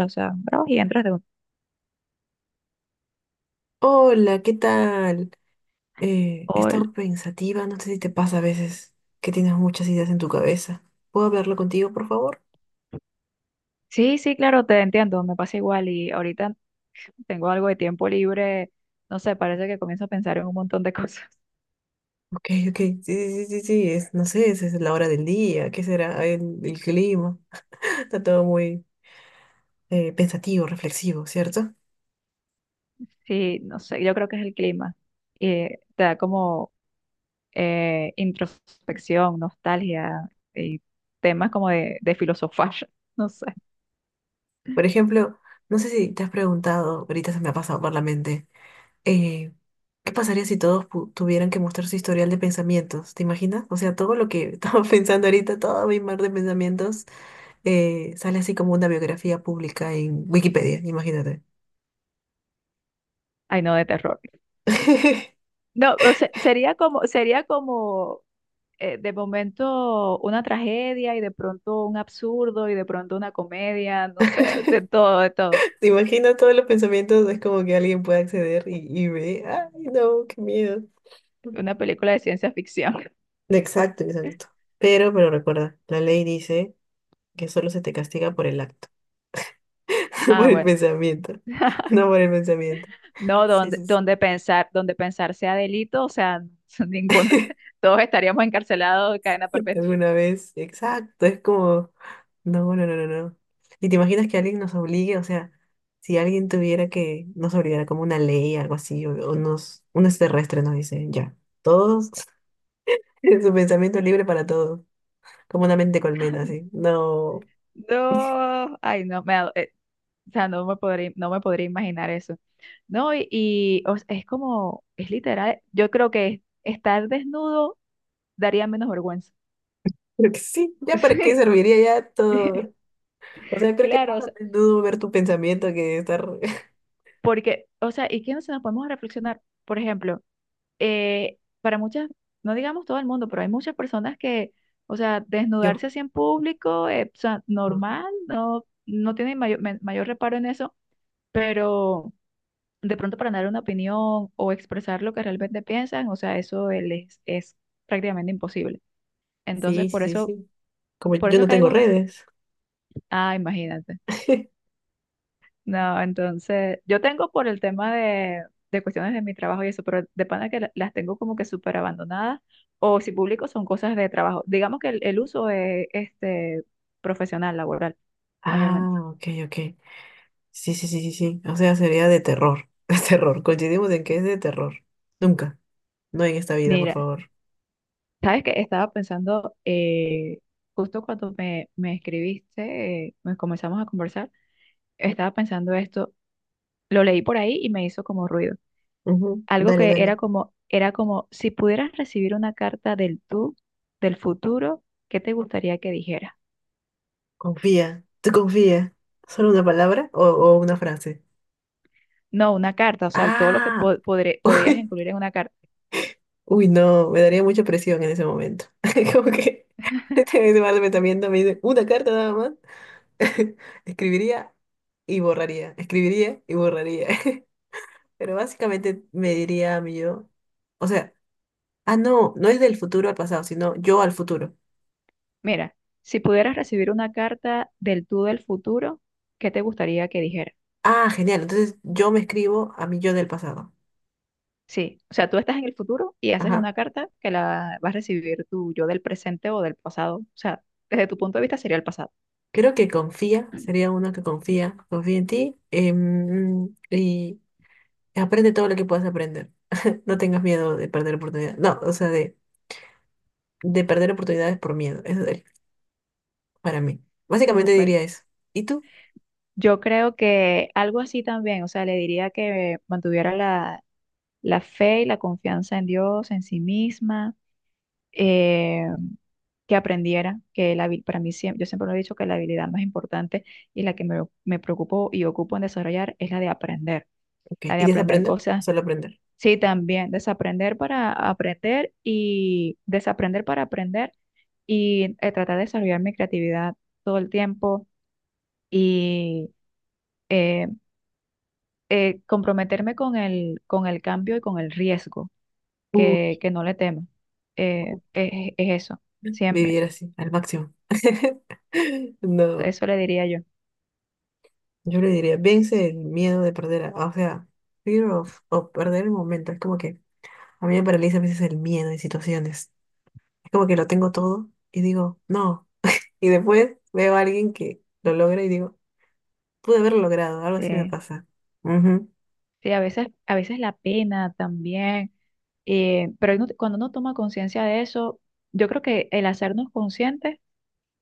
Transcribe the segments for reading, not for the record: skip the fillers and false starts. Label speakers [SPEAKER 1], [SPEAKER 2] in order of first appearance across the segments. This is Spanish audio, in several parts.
[SPEAKER 1] O sea, trabajas y entras de un...
[SPEAKER 2] Hola, ¿qué tal? He
[SPEAKER 1] o el-
[SPEAKER 2] estado pensativa, no sé si te pasa a veces que tienes muchas ideas en tu cabeza. ¿Puedo hablarlo contigo, por favor?
[SPEAKER 1] Sí, sí, claro, te entiendo, me pasa igual y ahorita tengo algo de tiempo libre, no sé, parece que comienzo a pensar en un montón de cosas.
[SPEAKER 2] Ok, ok, sí, sí, sí, sí, es, no sé, es la hora del día, ¿qué será? El clima. Está todo muy pensativo, reflexivo, ¿cierto?
[SPEAKER 1] Sí, no sé, yo creo que es el clima. Y te da como introspección, nostalgia y temas como de filosofar, no sé.
[SPEAKER 2] Por ejemplo, no sé si te has preguntado, ahorita se me ha pasado por la mente, eh, ¿qué pasaría si todos tuvieran que mostrar su historial de pensamientos? ¿Te imaginas? O sea, todo lo que estaba pensando ahorita, todo mi mar de pensamientos. Eh, sale así como una biografía pública en Wikipedia, imagínate.
[SPEAKER 1] Ay, no, de terror. No, o sea, sería como de momento una tragedia y de pronto un absurdo y de pronto una comedia, no sé, de todo, de todo.
[SPEAKER 2] Te imagino todos los pensamientos, es como que alguien puede acceder y ve, ay, no, qué miedo.
[SPEAKER 1] Una película de ciencia ficción.
[SPEAKER 2] Exacto, exacto. Pero recuerda, la ley dice que solo se te castiga por el acto, por
[SPEAKER 1] Ah,
[SPEAKER 2] el
[SPEAKER 1] bueno.
[SPEAKER 2] pensamiento, no por el pensamiento.
[SPEAKER 1] No,
[SPEAKER 2] Sí,
[SPEAKER 1] donde,
[SPEAKER 2] sí, sí.
[SPEAKER 1] donde pensar, donde pensar sea delito, o sea, ninguno, todos estaríamos encarcelados de cadena perpetua.
[SPEAKER 2] Alguna vez. Exacto, es como, no, no, no, no, no. ¿Y te imaginas que alguien nos obligue? O sea, si alguien tuviera que nos obligara como una ley, algo así, o nos, un extraterrestre nos dice, ya, todos, su pensamiento libre para todos, como una mente colmena, así. No,
[SPEAKER 1] No, ay, no, o sea, no me podría imaginar eso. No, o sea, es como, es literal, yo creo que estar desnudo daría menos vergüenza.
[SPEAKER 2] creo que sí, ya para qué
[SPEAKER 1] Sí,
[SPEAKER 2] serviría ya todo. O sea, creo que
[SPEAKER 1] claro,
[SPEAKER 2] más
[SPEAKER 1] o
[SPEAKER 2] a
[SPEAKER 1] sea,
[SPEAKER 2] menudo ver tu pensamiento que estar
[SPEAKER 1] porque, o sea, ¿y qué nos podemos reflexionar? Por ejemplo, para muchas, no digamos todo el mundo, pero hay muchas personas que, o sea,
[SPEAKER 2] yo.
[SPEAKER 1] desnudarse así en público, o sea,
[SPEAKER 2] No.
[SPEAKER 1] normal, no, no tienen mayor, mayor reparo en eso, pero de pronto para dar una opinión o expresar lo que realmente piensan, o sea, eso les es prácticamente imposible. Entonces,
[SPEAKER 2] Sí, sí, sí, sí. Como
[SPEAKER 1] por
[SPEAKER 2] yo
[SPEAKER 1] eso
[SPEAKER 2] no tengo
[SPEAKER 1] caigo,
[SPEAKER 2] redes.
[SPEAKER 1] ah, imagínate. No, entonces, yo tengo por el tema de cuestiones de mi trabajo y eso, pero de pana que las tengo como que súper abandonadas, o si publico son cosas de trabajo. Digamos que el uso es este, profesional, laboral,
[SPEAKER 2] Ah,
[SPEAKER 1] mayormente.
[SPEAKER 2] ok, ok. Sí, sí, sí, sí, sí. O sea, sería de terror. De terror. Coincidimos en que es de terror. Nunca. No en esta vida, por
[SPEAKER 1] Mira,
[SPEAKER 2] favor.
[SPEAKER 1] sabes que estaba pensando, justo cuando me escribiste, me comenzamos a conversar, estaba pensando esto, lo leí por ahí y me hizo como ruido.
[SPEAKER 2] Ujú.
[SPEAKER 1] Algo
[SPEAKER 2] Dale,
[SPEAKER 1] que
[SPEAKER 2] dale.
[SPEAKER 1] era como, si pudieras recibir una carta del tú, del futuro, ¿qué te gustaría que dijera?
[SPEAKER 2] Confía. Tú confía. ¿Solo una palabra o una frase?
[SPEAKER 1] No, una carta, o sea, todo lo que
[SPEAKER 2] Ah.
[SPEAKER 1] podías
[SPEAKER 2] Uy.
[SPEAKER 1] incluir en una carta.
[SPEAKER 2] Uy, no. Me daría mucha presión en ese momento. Como que este me viendo, me dice una carta nada más. Escribiría y borraría. Escribiría y borraría. Pero básicamente me diría a mí yo. O sea. Ah, no, no es del futuro al pasado, sino yo al futuro.
[SPEAKER 1] Mira, si pudieras recibir una carta del tú del futuro, ¿qué te gustaría que dijera?
[SPEAKER 2] Ah, genial. Entonces yo me escribo a mi yo del pasado.
[SPEAKER 1] Sí, o sea, tú estás en el futuro y haces
[SPEAKER 2] Ajá.
[SPEAKER 1] una carta que la vas a recibir tú, yo del presente o del pasado. O sea, desde tu punto de vista sería el pasado.
[SPEAKER 2] Creo que confía, sería uno que confía, confía en ti y aprende todo lo que puedas aprender. No tengas miedo de perder oportunidades. No, o sea, de perder oportunidades por miedo. Eso es para mí. Básicamente
[SPEAKER 1] Súper.
[SPEAKER 2] diría eso. ¿Y tú?
[SPEAKER 1] Yo creo que algo así también, o sea, le diría que mantuviera la fe y la confianza en Dios, en sí misma, eh, que aprendiera que para mí siempre, yo siempre lo he dicho que la habilidad más importante y la que me preocupo y ocupo en desarrollar es
[SPEAKER 2] Ok.
[SPEAKER 1] la
[SPEAKER 2] ¿Y
[SPEAKER 1] de aprender
[SPEAKER 2] desaprender? O
[SPEAKER 1] cosas.
[SPEAKER 2] solo aprender.
[SPEAKER 1] Sí, también desaprender para aprender y desaprender para aprender y tratar de desarrollar mi creatividad todo el tiempo y eh, comprometerme con con el cambio y con el riesgo
[SPEAKER 2] Uy,
[SPEAKER 1] que no le tema. Es, es eso, siempre.
[SPEAKER 2] vivir así, al máximo. No.
[SPEAKER 1] Eso le diría yo.
[SPEAKER 2] Yo le diría, vence el miedo de perder, a- o sea, fear of, of perder el momento. Es como que a mí me paraliza a veces el miedo en situaciones. Es como que lo tengo todo y digo, no. Y después veo a alguien que lo logra y digo, pude haberlo logrado, algo así me
[SPEAKER 1] Eh,
[SPEAKER 2] pasa. Ujú,
[SPEAKER 1] sí, a veces la pena también, pero cuando uno toma conciencia de eso, yo creo que el hacernos conscientes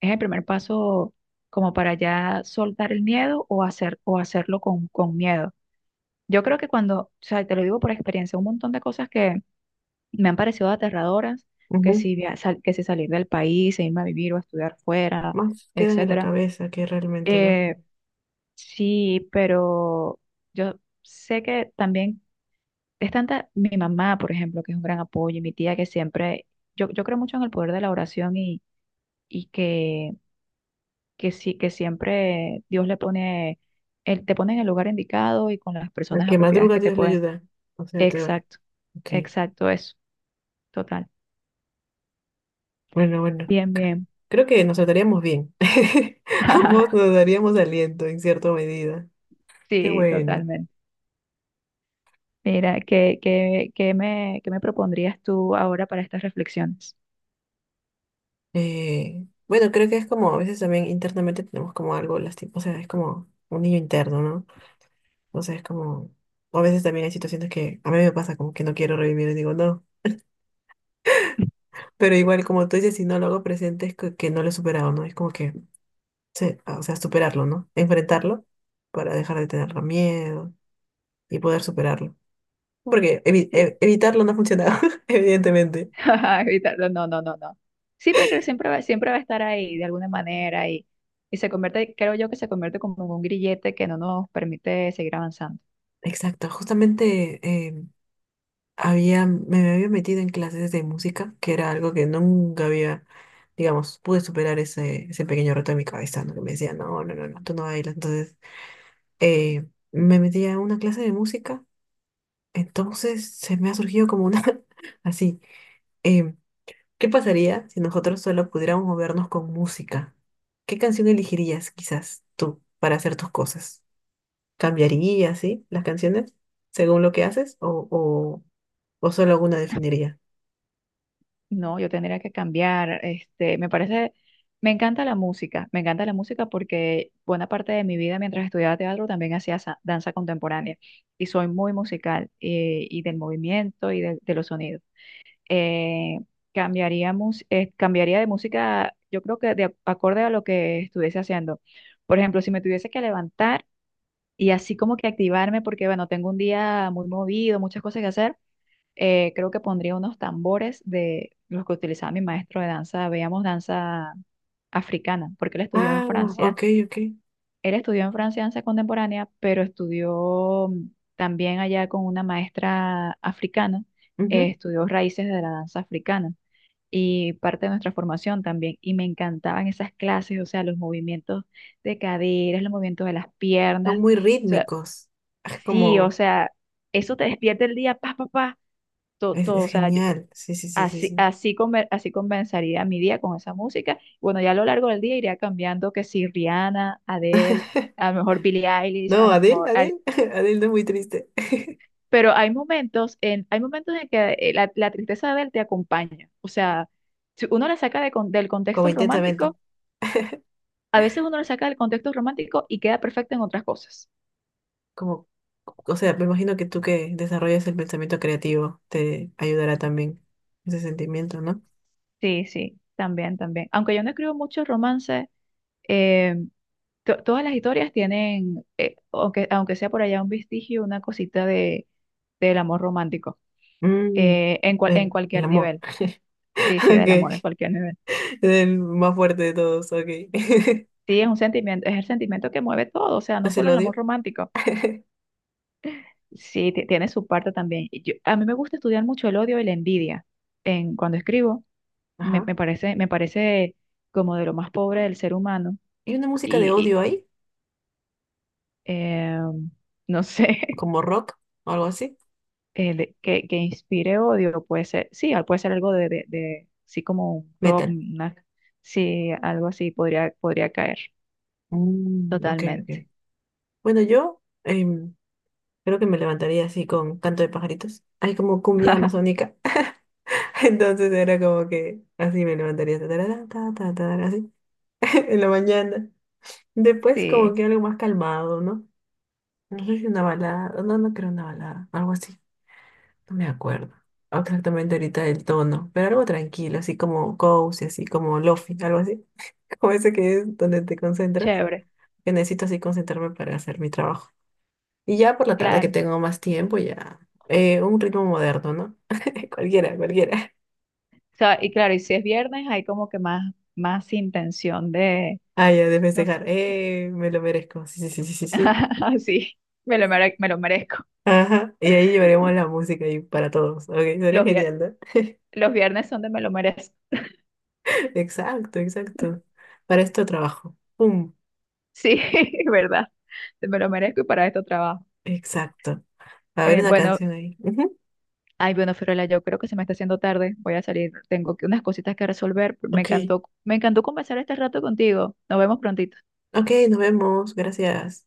[SPEAKER 1] es el primer paso como para ya soltar el miedo o, hacer, o hacerlo con miedo. Yo creo que cuando, o sea, te lo digo por experiencia, un montón de cosas que me han parecido aterradoras, que
[SPEAKER 2] ujú.
[SPEAKER 1] si, que si salir del país, e irme a vivir o a estudiar fuera,
[SPEAKER 2] Más quedan en la
[SPEAKER 1] etcétera.
[SPEAKER 2] cabeza que realmente, ¿no?
[SPEAKER 1] Eh, sí, pero yo sé que también es tanta mi mamá, por ejemplo, que es un gran apoyo, y mi tía que siempre, yo creo mucho en el poder de la oración y que sí, que siempre Dios le pone, él te pone en el lugar indicado y con las
[SPEAKER 2] Al
[SPEAKER 1] personas
[SPEAKER 2] que
[SPEAKER 1] apropiadas
[SPEAKER 2] madruga,
[SPEAKER 1] que te
[SPEAKER 2] Dios le
[SPEAKER 1] pueden.
[SPEAKER 2] ayuda. O sea, te va.
[SPEAKER 1] Exacto,
[SPEAKER 2] Ok,
[SPEAKER 1] exacto, eso, total.
[SPEAKER 2] bueno, bueno.
[SPEAKER 1] Bien, bien.
[SPEAKER 2] Creo que nos trataríamos bien. Ambos nos daríamos aliento en cierta medida. Qué
[SPEAKER 1] Sí,
[SPEAKER 2] bueno.
[SPEAKER 1] totalmente. Mira, ¿ qué me propondrías tú ahora para estas reflexiones?
[SPEAKER 2] Bueno, creo que es como a veces también internamente tenemos como algo lastimoso, o sea, es como un niño interno, ¿no? O sea, es como, o a veces también hay situaciones que a mí me pasa como que no quiero revivir y digo no, pero igual como tú dices, si no lo hago presente es que, no lo he superado, ¿no? Es como que, se- o sea, superarlo, ¿no? Enfrentarlo para dejar de tener miedo y poder superarlo. Porque evi- e-
[SPEAKER 1] Sí.
[SPEAKER 2] evitarlo no ha funcionado, evidentemente.
[SPEAKER 1] Evitarlo, no, no, no, no. Sí, pero creo que siempre va a estar ahí de alguna manera y se convierte, creo yo que se convierte como en un grillete que no nos permite seguir avanzando.
[SPEAKER 2] Exacto, justamente había, me había metido en clases de música, que era algo que nunca había, digamos, pude superar ese pequeño reto de mi cabeza, ¿no? Que me decía, no, no, no, no, tú no bailas. Entonces, eh, me metí a una clase de música, entonces se me ha surgido como una, así, em, ¿qué pasaría si nosotros solo pudiéramos movernos con música? ¿Qué canción elegirías quizás tú para hacer tus cosas? ¿Cambiarías, sí, las canciones según lo que haces o solo alguna definirías?
[SPEAKER 1] No, yo tendría que cambiar. Este, me parece, me encanta la música, me encanta la música porque buena parte de mi vida mientras estudiaba teatro también hacía danza contemporánea y soy muy musical y del movimiento y de los sonidos. eh, cambiaríamos, cambiaría de música, yo creo que de acorde a lo que estuviese haciendo. Por ejemplo, si me tuviese que levantar y así como que activarme, porque bueno, tengo un día muy movido, muchas cosas que hacer, creo que pondría unos tambores de los que utilizaba mi maestro de danza, veíamos danza africana, porque él estudió en
[SPEAKER 2] Ah,
[SPEAKER 1] Francia.
[SPEAKER 2] ok, ok.
[SPEAKER 1] Él estudió en Francia danza contemporánea, pero estudió también allá con una maestra africana,
[SPEAKER 2] Ujú.
[SPEAKER 1] estudió raíces de la danza africana y parte de nuestra formación también. Y me encantaban esas clases, o sea, los movimientos de caderas, los movimientos de las
[SPEAKER 2] Son
[SPEAKER 1] piernas. O
[SPEAKER 2] muy
[SPEAKER 1] sea,
[SPEAKER 2] rítmicos. Es
[SPEAKER 1] sí, o
[SPEAKER 2] como,
[SPEAKER 1] sea, eso te despierta el día, pa, pa, pa, todo, todo,
[SPEAKER 2] es
[SPEAKER 1] o sea,
[SPEAKER 2] genial. Sí, sí, sí, sí,
[SPEAKER 1] así,
[SPEAKER 2] sí.
[SPEAKER 1] así, así comenzaría mi día con esa música. Bueno, ya a lo largo del día iría cambiando que si Rihanna, Adele, a lo mejor Billie Eilish, a
[SPEAKER 2] No,
[SPEAKER 1] lo
[SPEAKER 2] Adele,
[SPEAKER 1] mejor... Ari-
[SPEAKER 2] Adele, Adele no es muy triste.
[SPEAKER 1] Pero hay momentos en que la tristeza de Adele te acompaña. O sea, si uno la saca de del
[SPEAKER 2] Como
[SPEAKER 1] contexto
[SPEAKER 2] intensamente.
[SPEAKER 1] romántico a veces uno lo saca del contexto romántico y queda perfecto en otras cosas.
[SPEAKER 2] Como, o sea, me imagino que tú que desarrollas el pensamiento creativo te ayudará también ese sentimiento, ¿no?
[SPEAKER 1] Sí, sí, también, también. Aunque yo no escribo muchos romances, eh, todas las historias tienen, aunque sea por allá un vestigio, una cosita del amor romántico,
[SPEAKER 2] Mm,
[SPEAKER 1] en
[SPEAKER 2] el
[SPEAKER 1] cualquier
[SPEAKER 2] amor.
[SPEAKER 1] nivel. Sí, sí, del amor en
[SPEAKER 2] Ok.
[SPEAKER 1] cualquier nivel.
[SPEAKER 2] El más fuerte de todos, ok.
[SPEAKER 1] Sí, es un sentimiento, es el sentimiento que mueve todo, o sea, no
[SPEAKER 2] ¿Es el
[SPEAKER 1] solo el amor
[SPEAKER 2] odio?
[SPEAKER 1] romántico. Sí, tiene su parte también. A mí me gusta estudiar mucho el odio y la envidia en, cuando escribo
[SPEAKER 2] Ajá.
[SPEAKER 1] me parece como de lo más pobre del ser humano
[SPEAKER 2] ¿Y una música de
[SPEAKER 1] y,
[SPEAKER 2] odio ahí?
[SPEAKER 1] eh, no sé,
[SPEAKER 2] ¿Como rock o algo así?
[SPEAKER 1] el que inspire odio puede ser, sí, puede ser algo sí, como un rob,
[SPEAKER 2] Metal.
[SPEAKER 1] una, sí, algo así podría, podría caer
[SPEAKER 2] Mm, ok,
[SPEAKER 1] totalmente.
[SPEAKER 2] ok. Bueno, yo creo que me levantaría así con canto de pajaritos. Hay como cumbia amazónica. Entonces era como que así me levantaría. Ta, tarara, ta, ta, tarara, así en la mañana. Después como
[SPEAKER 1] Sí,
[SPEAKER 2] que algo más calmado, ¿no? No sé si una balada. No, no creo una balada. Algo así. No me acuerdo exactamente ahorita el tono. Pero algo tranquilo, así como cozy, así como lofi, algo así. Como ese que es donde te concentras.
[SPEAKER 1] chévere,
[SPEAKER 2] Que necesito así concentrarme para hacer mi trabajo. Y ya por la tarde que
[SPEAKER 1] claro.
[SPEAKER 2] tengo más tiempo, ya un ritmo moderno, ¿no? Cualquiera, cualquiera.
[SPEAKER 1] O sea, y claro, y si es viernes hay como que más, más intención de,
[SPEAKER 2] Ah, ya de
[SPEAKER 1] no sé,
[SPEAKER 2] festejar. Me lo merezco. Sí, sí, sí, sí, sí, sí.
[SPEAKER 1] sí, me lo merezco.
[SPEAKER 2] Ajá. Y ahí llevaremos la música ahí para todos. Ok, sería
[SPEAKER 1] Los, vier-
[SPEAKER 2] genial, ¿no?
[SPEAKER 1] los viernes son de me lo merezco.
[SPEAKER 2] Exacto, exacto. Para esto trabajo. Pum.
[SPEAKER 1] Sí, verdad. Me lo merezco y para esto trabajo.
[SPEAKER 2] Exacto. A ver
[SPEAKER 1] Eh,
[SPEAKER 2] una
[SPEAKER 1] bueno,
[SPEAKER 2] canción ahí. Ujú.
[SPEAKER 1] ay, bueno, Fiorella, yo creo que se me está haciendo tarde. Voy a salir. Unas cositas que resolver.
[SPEAKER 2] Ok,
[SPEAKER 1] Me encantó conversar este rato contigo. Nos vemos prontito.
[SPEAKER 2] ok, nos vemos. Gracias.